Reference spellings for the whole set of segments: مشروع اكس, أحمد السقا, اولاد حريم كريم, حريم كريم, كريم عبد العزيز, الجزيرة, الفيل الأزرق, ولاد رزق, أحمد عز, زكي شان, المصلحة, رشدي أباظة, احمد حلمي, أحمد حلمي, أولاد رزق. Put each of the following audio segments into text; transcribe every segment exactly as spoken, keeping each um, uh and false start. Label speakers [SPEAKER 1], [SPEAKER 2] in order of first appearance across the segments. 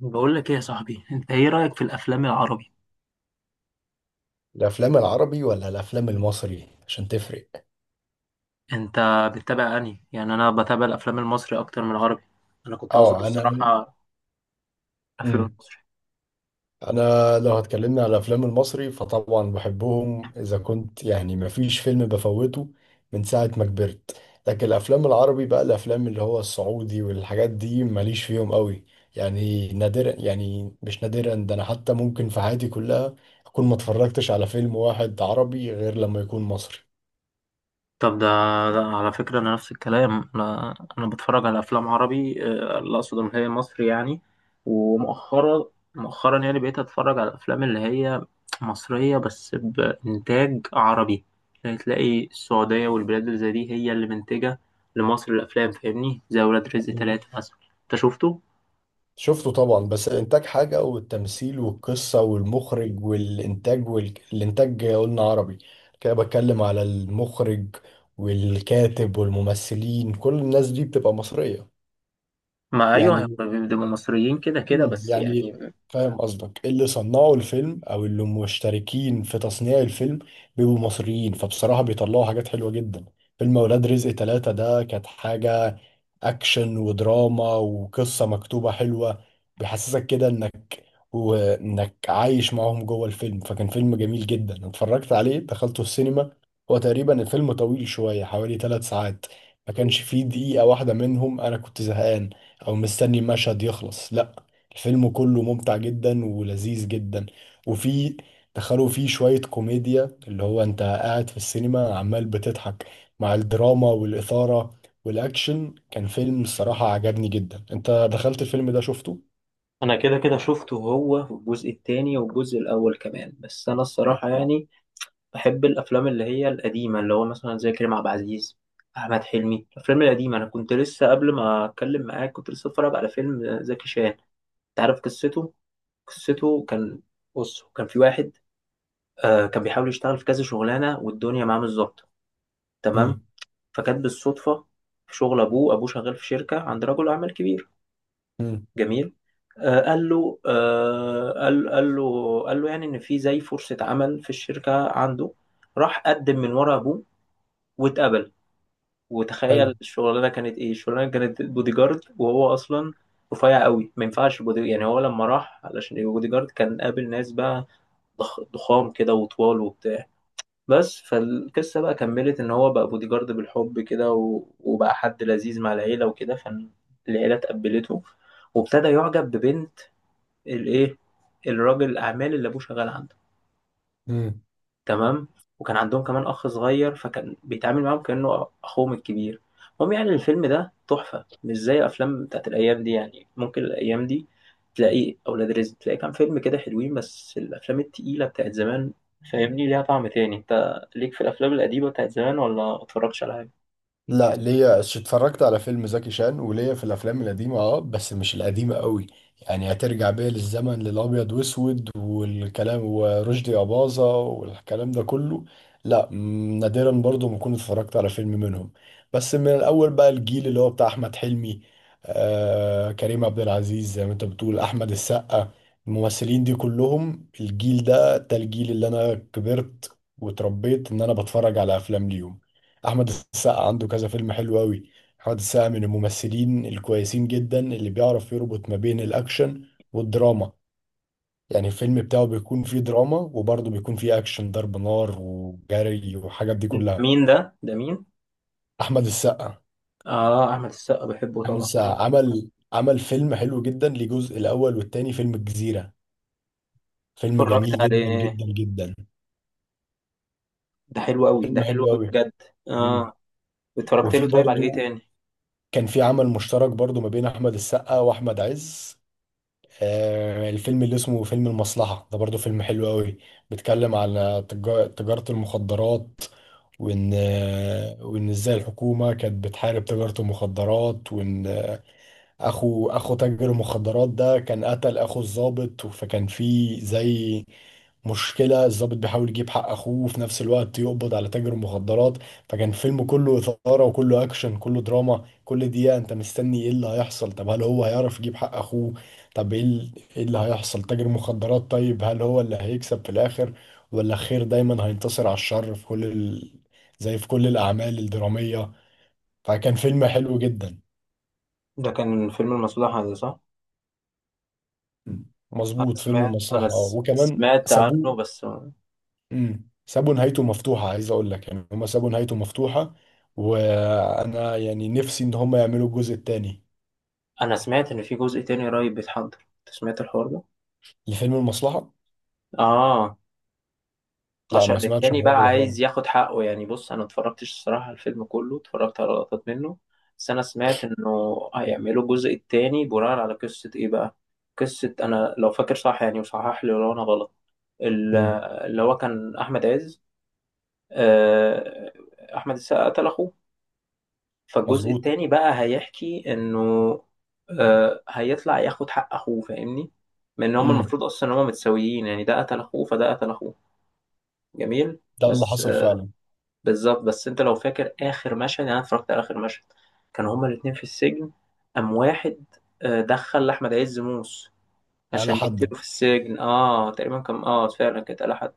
[SPEAKER 1] بقول لك ايه يا صاحبي؟ انت ايه رأيك في الافلام العربي؟
[SPEAKER 2] الافلام العربي ولا الافلام المصري عشان تفرق؟
[SPEAKER 1] انت بتتابع انهي؟ يعني انا بتابع الافلام المصري اكتر من العربي. انا كنت اقصد
[SPEAKER 2] اه. انا
[SPEAKER 1] الصراحة افلام
[SPEAKER 2] امم
[SPEAKER 1] المصري.
[SPEAKER 2] انا لو هتكلمنا على الافلام المصري فطبعا بحبهم، اذا كنت يعني ما فيش فيلم بفوته من ساعة ما كبرت. لكن الافلام العربي بقى الافلام اللي هو السعودي والحاجات دي ماليش فيهم قوي. يعني نادرا، يعني مش نادرا ده، انا حتى ممكن في حياتي كلها اكون ما اتفرجتش على فيلم واحد عربي غير لما يكون مصري.
[SPEAKER 1] طب ده، ده على فكرة انا نفس الكلام. انا انا بتفرج على افلام عربي، آه، اللي اقصد ان هي مصري يعني. ومؤخرا، مؤخرا يعني بقيت اتفرج على الافلام اللي هي مصرية بس بانتاج عربي. يعني تلاقي السعودية والبلاد اللي زي دي هي اللي منتجة لمصر الافلام. فاهمني؟ زي ولاد رزق ثلاثة مثلا. انت شفته؟
[SPEAKER 2] شفته طبعا، بس الانتاج حاجة والتمثيل والقصة والمخرج والانتاج والانتاج قلنا عربي. كده بتكلم على المخرج والكاتب والممثلين، كل الناس دي بتبقى مصرية.
[SPEAKER 1] ما ايوه
[SPEAKER 2] يعني
[SPEAKER 1] هم بيبقوا مصريين كده كده
[SPEAKER 2] مم.
[SPEAKER 1] بس
[SPEAKER 2] يعني
[SPEAKER 1] يعني.
[SPEAKER 2] فاهم قصدك، اللي صنعوا الفيلم او اللي مشتركين في تصنيع الفيلم بيبقوا مصريين، فبصراحة بيطلعوا حاجات حلوة جدا. فيلم اولاد رزق ثلاثة ده كانت حاجة، اكشن ودراما وقصة مكتوبة حلوة، بيحسسك كده انك وانك عايش معاهم جوه الفيلم، فكان فيلم جميل جدا. أنا اتفرجت عليه، دخلته السينما. هو تقريبا الفيلم طويل شوية، حوالي ثلاث ساعات، ما كانش فيه دقيقة واحدة منهم انا كنت زهقان او مستني المشهد يخلص، لا، الفيلم كله ممتع جدا ولذيذ جدا. وفي دخلوا فيه شوية كوميديا، اللي هو انت قاعد في السينما عمال بتضحك مع الدراما والإثارة والأكشن. كان فيلم، الصراحة، عجبني جدا. انت دخلت الفيلم ده، شفته؟
[SPEAKER 1] انا كده كده شفته هو في الجزء التاني والجزء الاول كمان. بس انا الصراحه يعني بحب الافلام اللي هي القديمه، اللي هو مثلا زي كريم عبد العزيز، احمد حلمي، الافلام القديمه. انا كنت لسه قبل ما اتكلم معاك كنت لسه اتفرج على فيلم زكي شان. انت عارف قصته؟ قصته كان، بص كان في واحد، آه كان بيحاول يشتغل في كذا شغلانه والدنيا معاه مش ظابطه،
[SPEAKER 2] مم.
[SPEAKER 1] تمام؟ فكانت بالصدفه في شغل ابوه، ابوه شغال في شركه عند رجل اعمال كبير.
[SPEAKER 2] مم.
[SPEAKER 1] جميل. آه، قال له آه، قال قال له قال له يعني ان في زي فرصة عمل في الشركة عنده. راح قدم من ورا ابوه واتقبل.
[SPEAKER 2] حلو.
[SPEAKER 1] وتخيل الشغلانة كانت ايه! الشغلانة كانت بودي جارد وهو اصلا رفيع قوي، ما ينفعش بودي. يعني هو لما راح علشان يبقى بودي جارد كان قابل ناس بقى ضخ- ضخام كده وطوال وبتاع. بس فالقصة بقى كملت ان هو بقى بودي جارد بالحب كده، و- وبقى حد لذيذ مع العيلة وكده. فالعيلة تقبلته، وابتدى يعجب ببنت الايه، الراجل الاعمال اللي ابوه شغال عنده.
[SPEAKER 2] مم.
[SPEAKER 1] تمام. وكان عندهم كمان اخ صغير، فكان بيتعامل معاهم كانه اخوهم الكبير. المهم يعني الفيلم ده تحفه، مش زي افلام بتاعت الايام دي. يعني ممكن الايام دي تلاقي اولاد رزق، تلاقي كام فيلم كده حلوين، بس الافلام التقيله بتاعت زمان فاهمني ليها طعم تاني. انت ليك في الافلام القديمه بتاعت زمان ولا ما اتفرجتش على حاجه؟
[SPEAKER 2] لا، ليا ش- اتفرجت على فيلم زكي شان، وليا في الافلام القديمه، اه، بس مش القديمه قوي، يعني هترجع بيا للزمن للابيض واسود والكلام ورشدي اباظه والكلام ده كله، لا م- نادرا برضو ما كنت اتفرجت على فيلم منهم. بس من الاول بقى الجيل اللي هو بتاع احمد حلمي، آه، كريم عبد العزيز، زي ما انت بتقول، احمد السقا. الممثلين دي كلهم الجيل ده، ده الجيل اللي انا كبرت وتربيت ان انا بتفرج على افلام ليهم. احمد السقا عنده كذا فيلم حلو قوي. احمد السقا من الممثلين الكويسين جدا اللي بيعرف يربط ما بين الاكشن والدراما، يعني الفيلم بتاعه بيكون فيه دراما وبرضه بيكون فيه اكشن ضرب نار وجري وحاجات دي
[SPEAKER 1] ده
[SPEAKER 2] كلها.
[SPEAKER 1] مين ده ده مين؟
[SPEAKER 2] احمد السقا.
[SPEAKER 1] اه، احمد السقا، بحبه
[SPEAKER 2] احمد
[SPEAKER 1] طبعا كم.
[SPEAKER 2] السقا عمل عمل فيلم حلو جدا لجزء الاول والتاني، فيلم الجزيرة، فيلم
[SPEAKER 1] اتفرجت
[SPEAKER 2] جميل جدا
[SPEAKER 1] عليه.
[SPEAKER 2] جدا جدا.
[SPEAKER 1] ده حلو قوي، ده
[SPEAKER 2] فيلم
[SPEAKER 1] حلو
[SPEAKER 2] حلو
[SPEAKER 1] قوي
[SPEAKER 2] قوي.
[SPEAKER 1] بجد. اه اتفرجت
[SPEAKER 2] وفي
[SPEAKER 1] له. طيب على ايه
[SPEAKER 2] برضه
[SPEAKER 1] تاني؟
[SPEAKER 2] كان في عمل مشترك برضه ما بين احمد السقا واحمد عز. آه، الفيلم اللي اسمه فيلم المصلحة ده برضو فيلم حلو قوي. بيتكلم على تجا- تجارة المخدرات، وإن آه، وإن إزاي الحكومة كانت بتحارب تجارة المخدرات، وإن اخو اخو تاجر المخدرات ده كان قتل اخو الضابط، فكان في زي مشكلة. الضابط بيحاول يجيب حق اخوه وفي نفس الوقت يقبض على تاجر المخدرات. فكان الفيلم كله إثارة وكله اكشن كله دراما، كل دقيقة انت مستني ايه اللي هيحصل. طب هل هو هيعرف يجيب حق اخوه؟ طب ايه ال- إيه اللي هيحصل تاجر المخدرات؟ طيب هل هو اللي هيكسب في الاخر ولا الخير دايما هينتصر على الشر في كل ال... زي في كل الاعمال الدرامية؟ فكان فيلم حلو جدا.
[SPEAKER 1] ده كان فيلم المصلحة ده، صح؟
[SPEAKER 2] مم.
[SPEAKER 1] انا
[SPEAKER 2] مظبوط، فيلم
[SPEAKER 1] سمعت، انا
[SPEAKER 2] المصلحة، اه،
[SPEAKER 1] س-
[SPEAKER 2] وكمان
[SPEAKER 1] سمعت
[SPEAKER 2] سابوه.
[SPEAKER 1] عنه بس.
[SPEAKER 2] مم. سابوا نهايته مفتوحة، عايز أقول لك يعني هما سابوا نهايته مفتوحة، وأنا يعني نفسي إن هما يعملوا الجزء التاني
[SPEAKER 1] انا سمعت ان في جزء تاني قريب بيتحضر. انت سمعت الحوار ده؟
[SPEAKER 2] لفيلم المصلحة.
[SPEAKER 1] اه.
[SPEAKER 2] لا، ما
[SPEAKER 1] عشان
[SPEAKER 2] سمعتش
[SPEAKER 1] التاني بقى
[SPEAKER 2] الحوار ده
[SPEAKER 1] عايز
[SPEAKER 2] خالص.
[SPEAKER 1] ياخد حقه يعني. بص انا اتفرجتش الصراحة على الفيلم كله، اتفرجت على لقطات منه بس. انا سمعت انه هيعملوا الجزء التاني بناء على قصة ايه بقى؟ قصة انا لو فاكر صح يعني، وصحح لي لو انا غلط. ال-
[SPEAKER 2] مم.
[SPEAKER 1] اللي هو كان احمد عز، آه، احمد السقا قتل اخوه. فالجزء
[SPEAKER 2] مظبوط.
[SPEAKER 1] التاني بقى هيحكي انه آه، هيطلع ياخد حق اخوه فاهمني. من ان هما
[SPEAKER 2] مم.
[SPEAKER 1] المفروض اصلا ان هما متساويين يعني، ده قتل اخوه فده قتل اخوه. جميل.
[SPEAKER 2] ده اللي
[SPEAKER 1] بس
[SPEAKER 2] حصل
[SPEAKER 1] آه،
[SPEAKER 2] فعلا.
[SPEAKER 1] بالظبط. بس انت لو فاكر اخر مشهد يعني، انا اتفرجت على اخر مشهد. كانوا هما الاتنين في السجن. قام واحد آه، دخل لاحمد عز موس
[SPEAKER 2] على
[SPEAKER 1] عشان يقتله
[SPEAKER 2] حد.
[SPEAKER 1] في السجن. اه تقريبا كان، اه فعلا كانت، قال حد.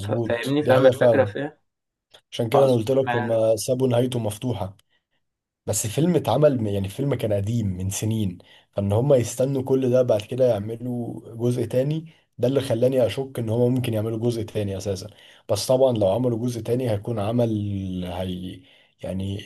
[SPEAKER 1] ف- فاهمني
[SPEAKER 2] دي
[SPEAKER 1] فاهم
[SPEAKER 2] حقيقة
[SPEAKER 1] الفكره
[SPEAKER 2] فعلا.
[SPEAKER 1] في ايه.
[SPEAKER 2] عشان كده أنا
[SPEAKER 1] فأظن.
[SPEAKER 2] قلت لك هما سابوا نهايته مفتوحة. بس الفيلم اتعمل، يعني الفيلم كان قديم من سنين، فان هم يستنوا كل ده بعد كده يعملوا جزء تاني، ده اللي خلاني اشك ان هم ممكن يعملوا جزء تاني اساسا. بس طبعا لو عملوا جزء تاني هيكون عمل، هي يعني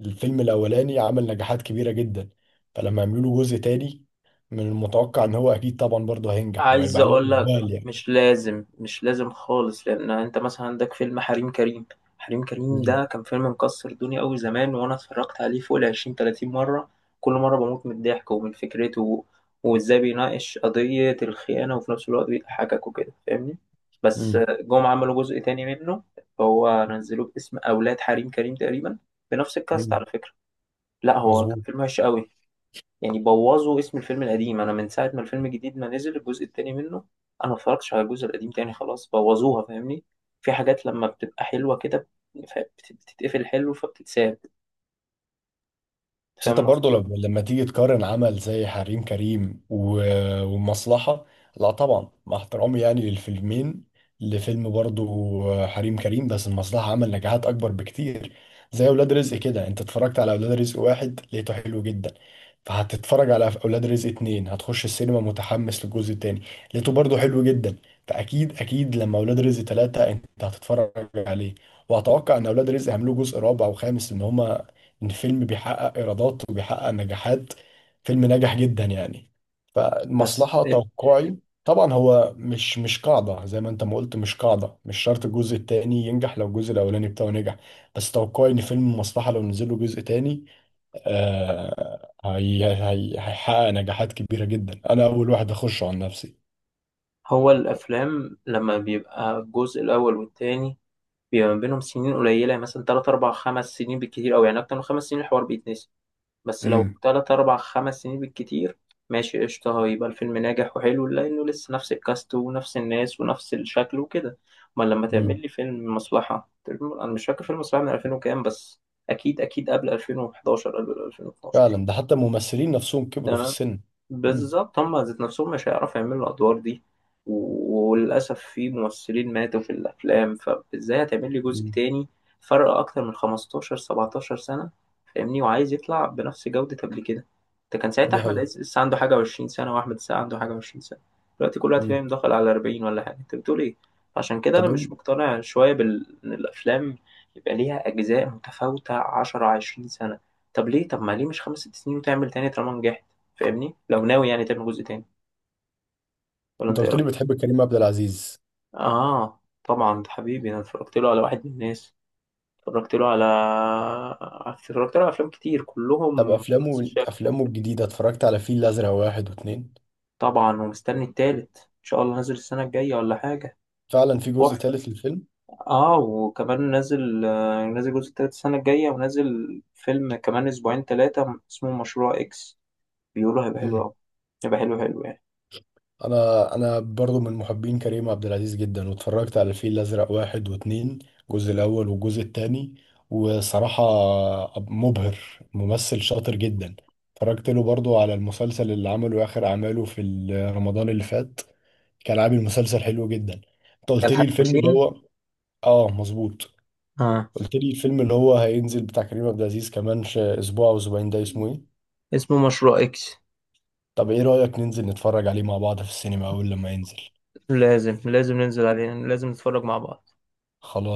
[SPEAKER 2] الفيلم الاولاني عمل نجاحات كبيرة جدا. فلما يعملوا له جزء تاني، من المتوقع ان هو اكيد طبعا برضه هينجح
[SPEAKER 1] عايز
[SPEAKER 2] وهيبقى عليه
[SPEAKER 1] اقول لك،
[SPEAKER 2] اقبال يعني.
[SPEAKER 1] مش لازم مش لازم خالص، لان انت مثلا عندك فيلم حريم كريم. حريم كريم
[SPEAKER 2] مم.
[SPEAKER 1] ده كان فيلم مكسر الدنيا قوي زمان، وانا اتفرجت عليه فوق ال عشرين تلاتين مره. كل مره بموت من الضحك ومن فكرته، و- وازاي بيناقش قضيه الخيانه وفي نفس الوقت بيضحكك وكده فاهمني. بس
[SPEAKER 2] مم.
[SPEAKER 1] جم عملوا جزء تاني منه، هو نزلوه باسم اولاد حريم كريم تقريبا، بنفس الكاست
[SPEAKER 2] مم.
[SPEAKER 1] على فكره. لا هو كان
[SPEAKER 2] مظبوط.
[SPEAKER 1] فيلم وحش قوي. يعني بوظوا اسم الفيلم القديم. انا من ساعه ما الفيلم الجديد ما نزل الجزء التاني منه، انا ما اتفرجتش على الجزء القديم تاني. خلاص بوظوها فاهمني. في حاجات لما بتبقى حلوه كده ف- بت- بتتقفل حلو فبتتساب.
[SPEAKER 2] بس
[SPEAKER 1] فاهم
[SPEAKER 2] انت
[SPEAKER 1] انا
[SPEAKER 2] برضه
[SPEAKER 1] قصدي.
[SPEAKER 2] لما لما تيجي تقارن عمل زي حريم كريم و- والمصلحة. لا طبعا مع احترامي يعني للفيلمين، لفيلم برضه حريم كريم، بس المصلحة عمل نجاحات أكبر بكتير. زي أولاد رزق كده، انت اتفرجت على أولاد رزق واحد لقيته حلو جدا، فهتتفرج على أولاد رزق اتنين هتخش السينما متحمس للجزء التاني، لقيته برضه حلو جدا، فأكيد أكيد لما أولاد رزق تلاتة انت هتتفرج عليه. وأتوقع إن أولاد رزق هيعملوا جزء رابع وخامس، إن هما ان فيلم بيحقق ايرادات وبيحقق نجاحات فيلم ناجح جدا يعني.
[SPEAKER 1] بس
[SPEAKER 2] فالمصلحة توقعي طبعا هو مش مش قاعدة زي ما انت ما قلت، مش قاعدة مش شرط الجزء التاني ينجح لو الجزء الاولاني بتاعه نجح. بس توقعي ان فيلم المصلحة لو نزل له جزء تاني، آه هي هي هيحقق نجاحات كبيرة جدا، انا اول واحد اخشه عن نفسي.
[SPEAKER 1] هو الافلام لما بيبقى الجزء الاول والتاني بيبقى ما بينهم سنين قليله، يعني مثلا ثلاثة أربعة خمس سنين بالكتير قوي. يعني اكتر من خمس سنين الحوار بيتنسي. بس لو
[SPEAKER 2] امم
[SPEAKER 1] تلات أربع خمس سنين بالكتير ماشي قشطة، هيبقى الفيلم ناجح وحلو لأنه لسه نفس الكاست ونفس الناس ونفس الشكل وكده. أمال لما
[SPEAKER 2] مم.
[SPEAKER 1] تعمل لي فيلم مصلحة، فيلم- أنا مش فاكر فيلم مصلحة من ألفين وكام بس. أكيد أكيد قبل ألفين وحداشر قبل ألفين واتناشر.
[SPEAKER 2] فعلا، ده حتى الممثلين نفسهم كبروا في السن. مم.
[SPEAKER 1] بالظبط هم ذات نفسهم مش هيعرفوا يعملوا الأدوار دي. و- وللأسف في ممثلين ماتوا في الأفلام، فإزاي هتعمل لي جزء
[SPEAKER 2] أمم.
[SPEAKER 1] تاني فرق أكتر من خمستاشر سبعتاشر سنة فاهمني، وعايز يطلع بنفس جودة قبل كده؟ ده كان ساعتها
[SPEAKER 2] دي
[SPEAKER 1] أحمد
[SPEAKER 2] حقيقة.
[SPEAKER 1] عز لسه عنده حاجة وعشرين سنة وأحمد السقا عنده حاجة وعشرين سنة. دلوقتي كل واحد
[SPEAKER 2] أمم.
[SPEAKER 1] فيهم داخل على أربعين ولا حاجة، أنت بتقول إيه؟ عشان كده
[SPEAKER 2] طب
[SPEAKER 1] أنا مش
[SPEAKER 2] قول-
[SPEAKER 1] مقتنع شوية بال... إن الأفلام يبقى ليها أجزاء متفاوتة عشر عشرين سنة. طب ليه؟ طب ما ليه مش خمس ست سنين وتعمل تاني طالما نجحت؟ فاهمني لو ناوي يعني تعمل جزء تاني. ولا
[SPEAKER 2] انت
[SPEAKER 1] انت ايه
[SPEAKER 2] قلت لي
[SPEAKER 1] رايك؟
[SPEAKER 2] بتحب كريم عبد العزيز.
[SPEAKER 1] اه طبعا ده حبيبي. انا اتفرجت له على واحد من الناس، اتفرجت له على اتفرجت له على افلام كتير
[SPEAKER 2] طب
[SPEAKER 1] كلهم نفس
[SPEAKER 2] افلامه
[SPEAKER 1] الشكل.
[SPEAKER 2] افلامه الجديده، اتفرجت على فيل الازرق واحد واتنين؟
[SPEAKER 1] طبعا ومستني التالت ان شاء الله نازل السنه الجايه ولا حاجه.
[SPEAKER 2] فعلا في جزء
[SPEAKER 1] تحفه.
[SPEAKER 2] تالت للفيلم.
[SPEAKER 1] اه وكمان نازل، آه، نازل الجزء التالت السنه الجايه، ونازل فيلم كمان اسبوعين ثلاثه اسمه مشروع اكس. بيقولوا هيبقى حلو
[SPEAKER 2] مم.
[SPEAKER 1] قوي. هيبقى حلو حلو يعني.
[SPEAKER 2] انا انا برضو من محبين كريم عبد العزيز جدا، واتفرجت على الفيل الازرق واحد واتنين، الجزء الاول والجزء التاني، وصراحه مبهر، ممثل شاطر جدا. اتفرجت له برضو على المسلسل اللي عمله اخر اعماله في ال- رمضان اللي فات، كان عامل مسلسل حلو جدا. انت
[SPEAKER 1] ده
[SPEAKER 2] قلت لي
[SPEAKER 1] الحاج
[SPEAKER 2] الفيلم اللي
[SPEAKER 1] ماشين.
[SPEAKER 2] هو، اه مظبوط،
[SPEAKER 1] اه
[SPEAKER 2] قلت لي الفيلم اللي هو هينزل بتاع كريم عبد العزيز كمان ش- اسبوع او اسبوعين، ده اسمه ايه؟
[SPEAKER 1] اسمه مشروع اكس.
[SPEAKER 2] طب ايه رأيك ننزل نتفرج عليه مع بعض في السينما اول لما ينزل؟
[SPEAKER 1] لازم لازم ننزل عليه، لازم نتفرج مع بعض.
[SPEAKER 2] خلاص.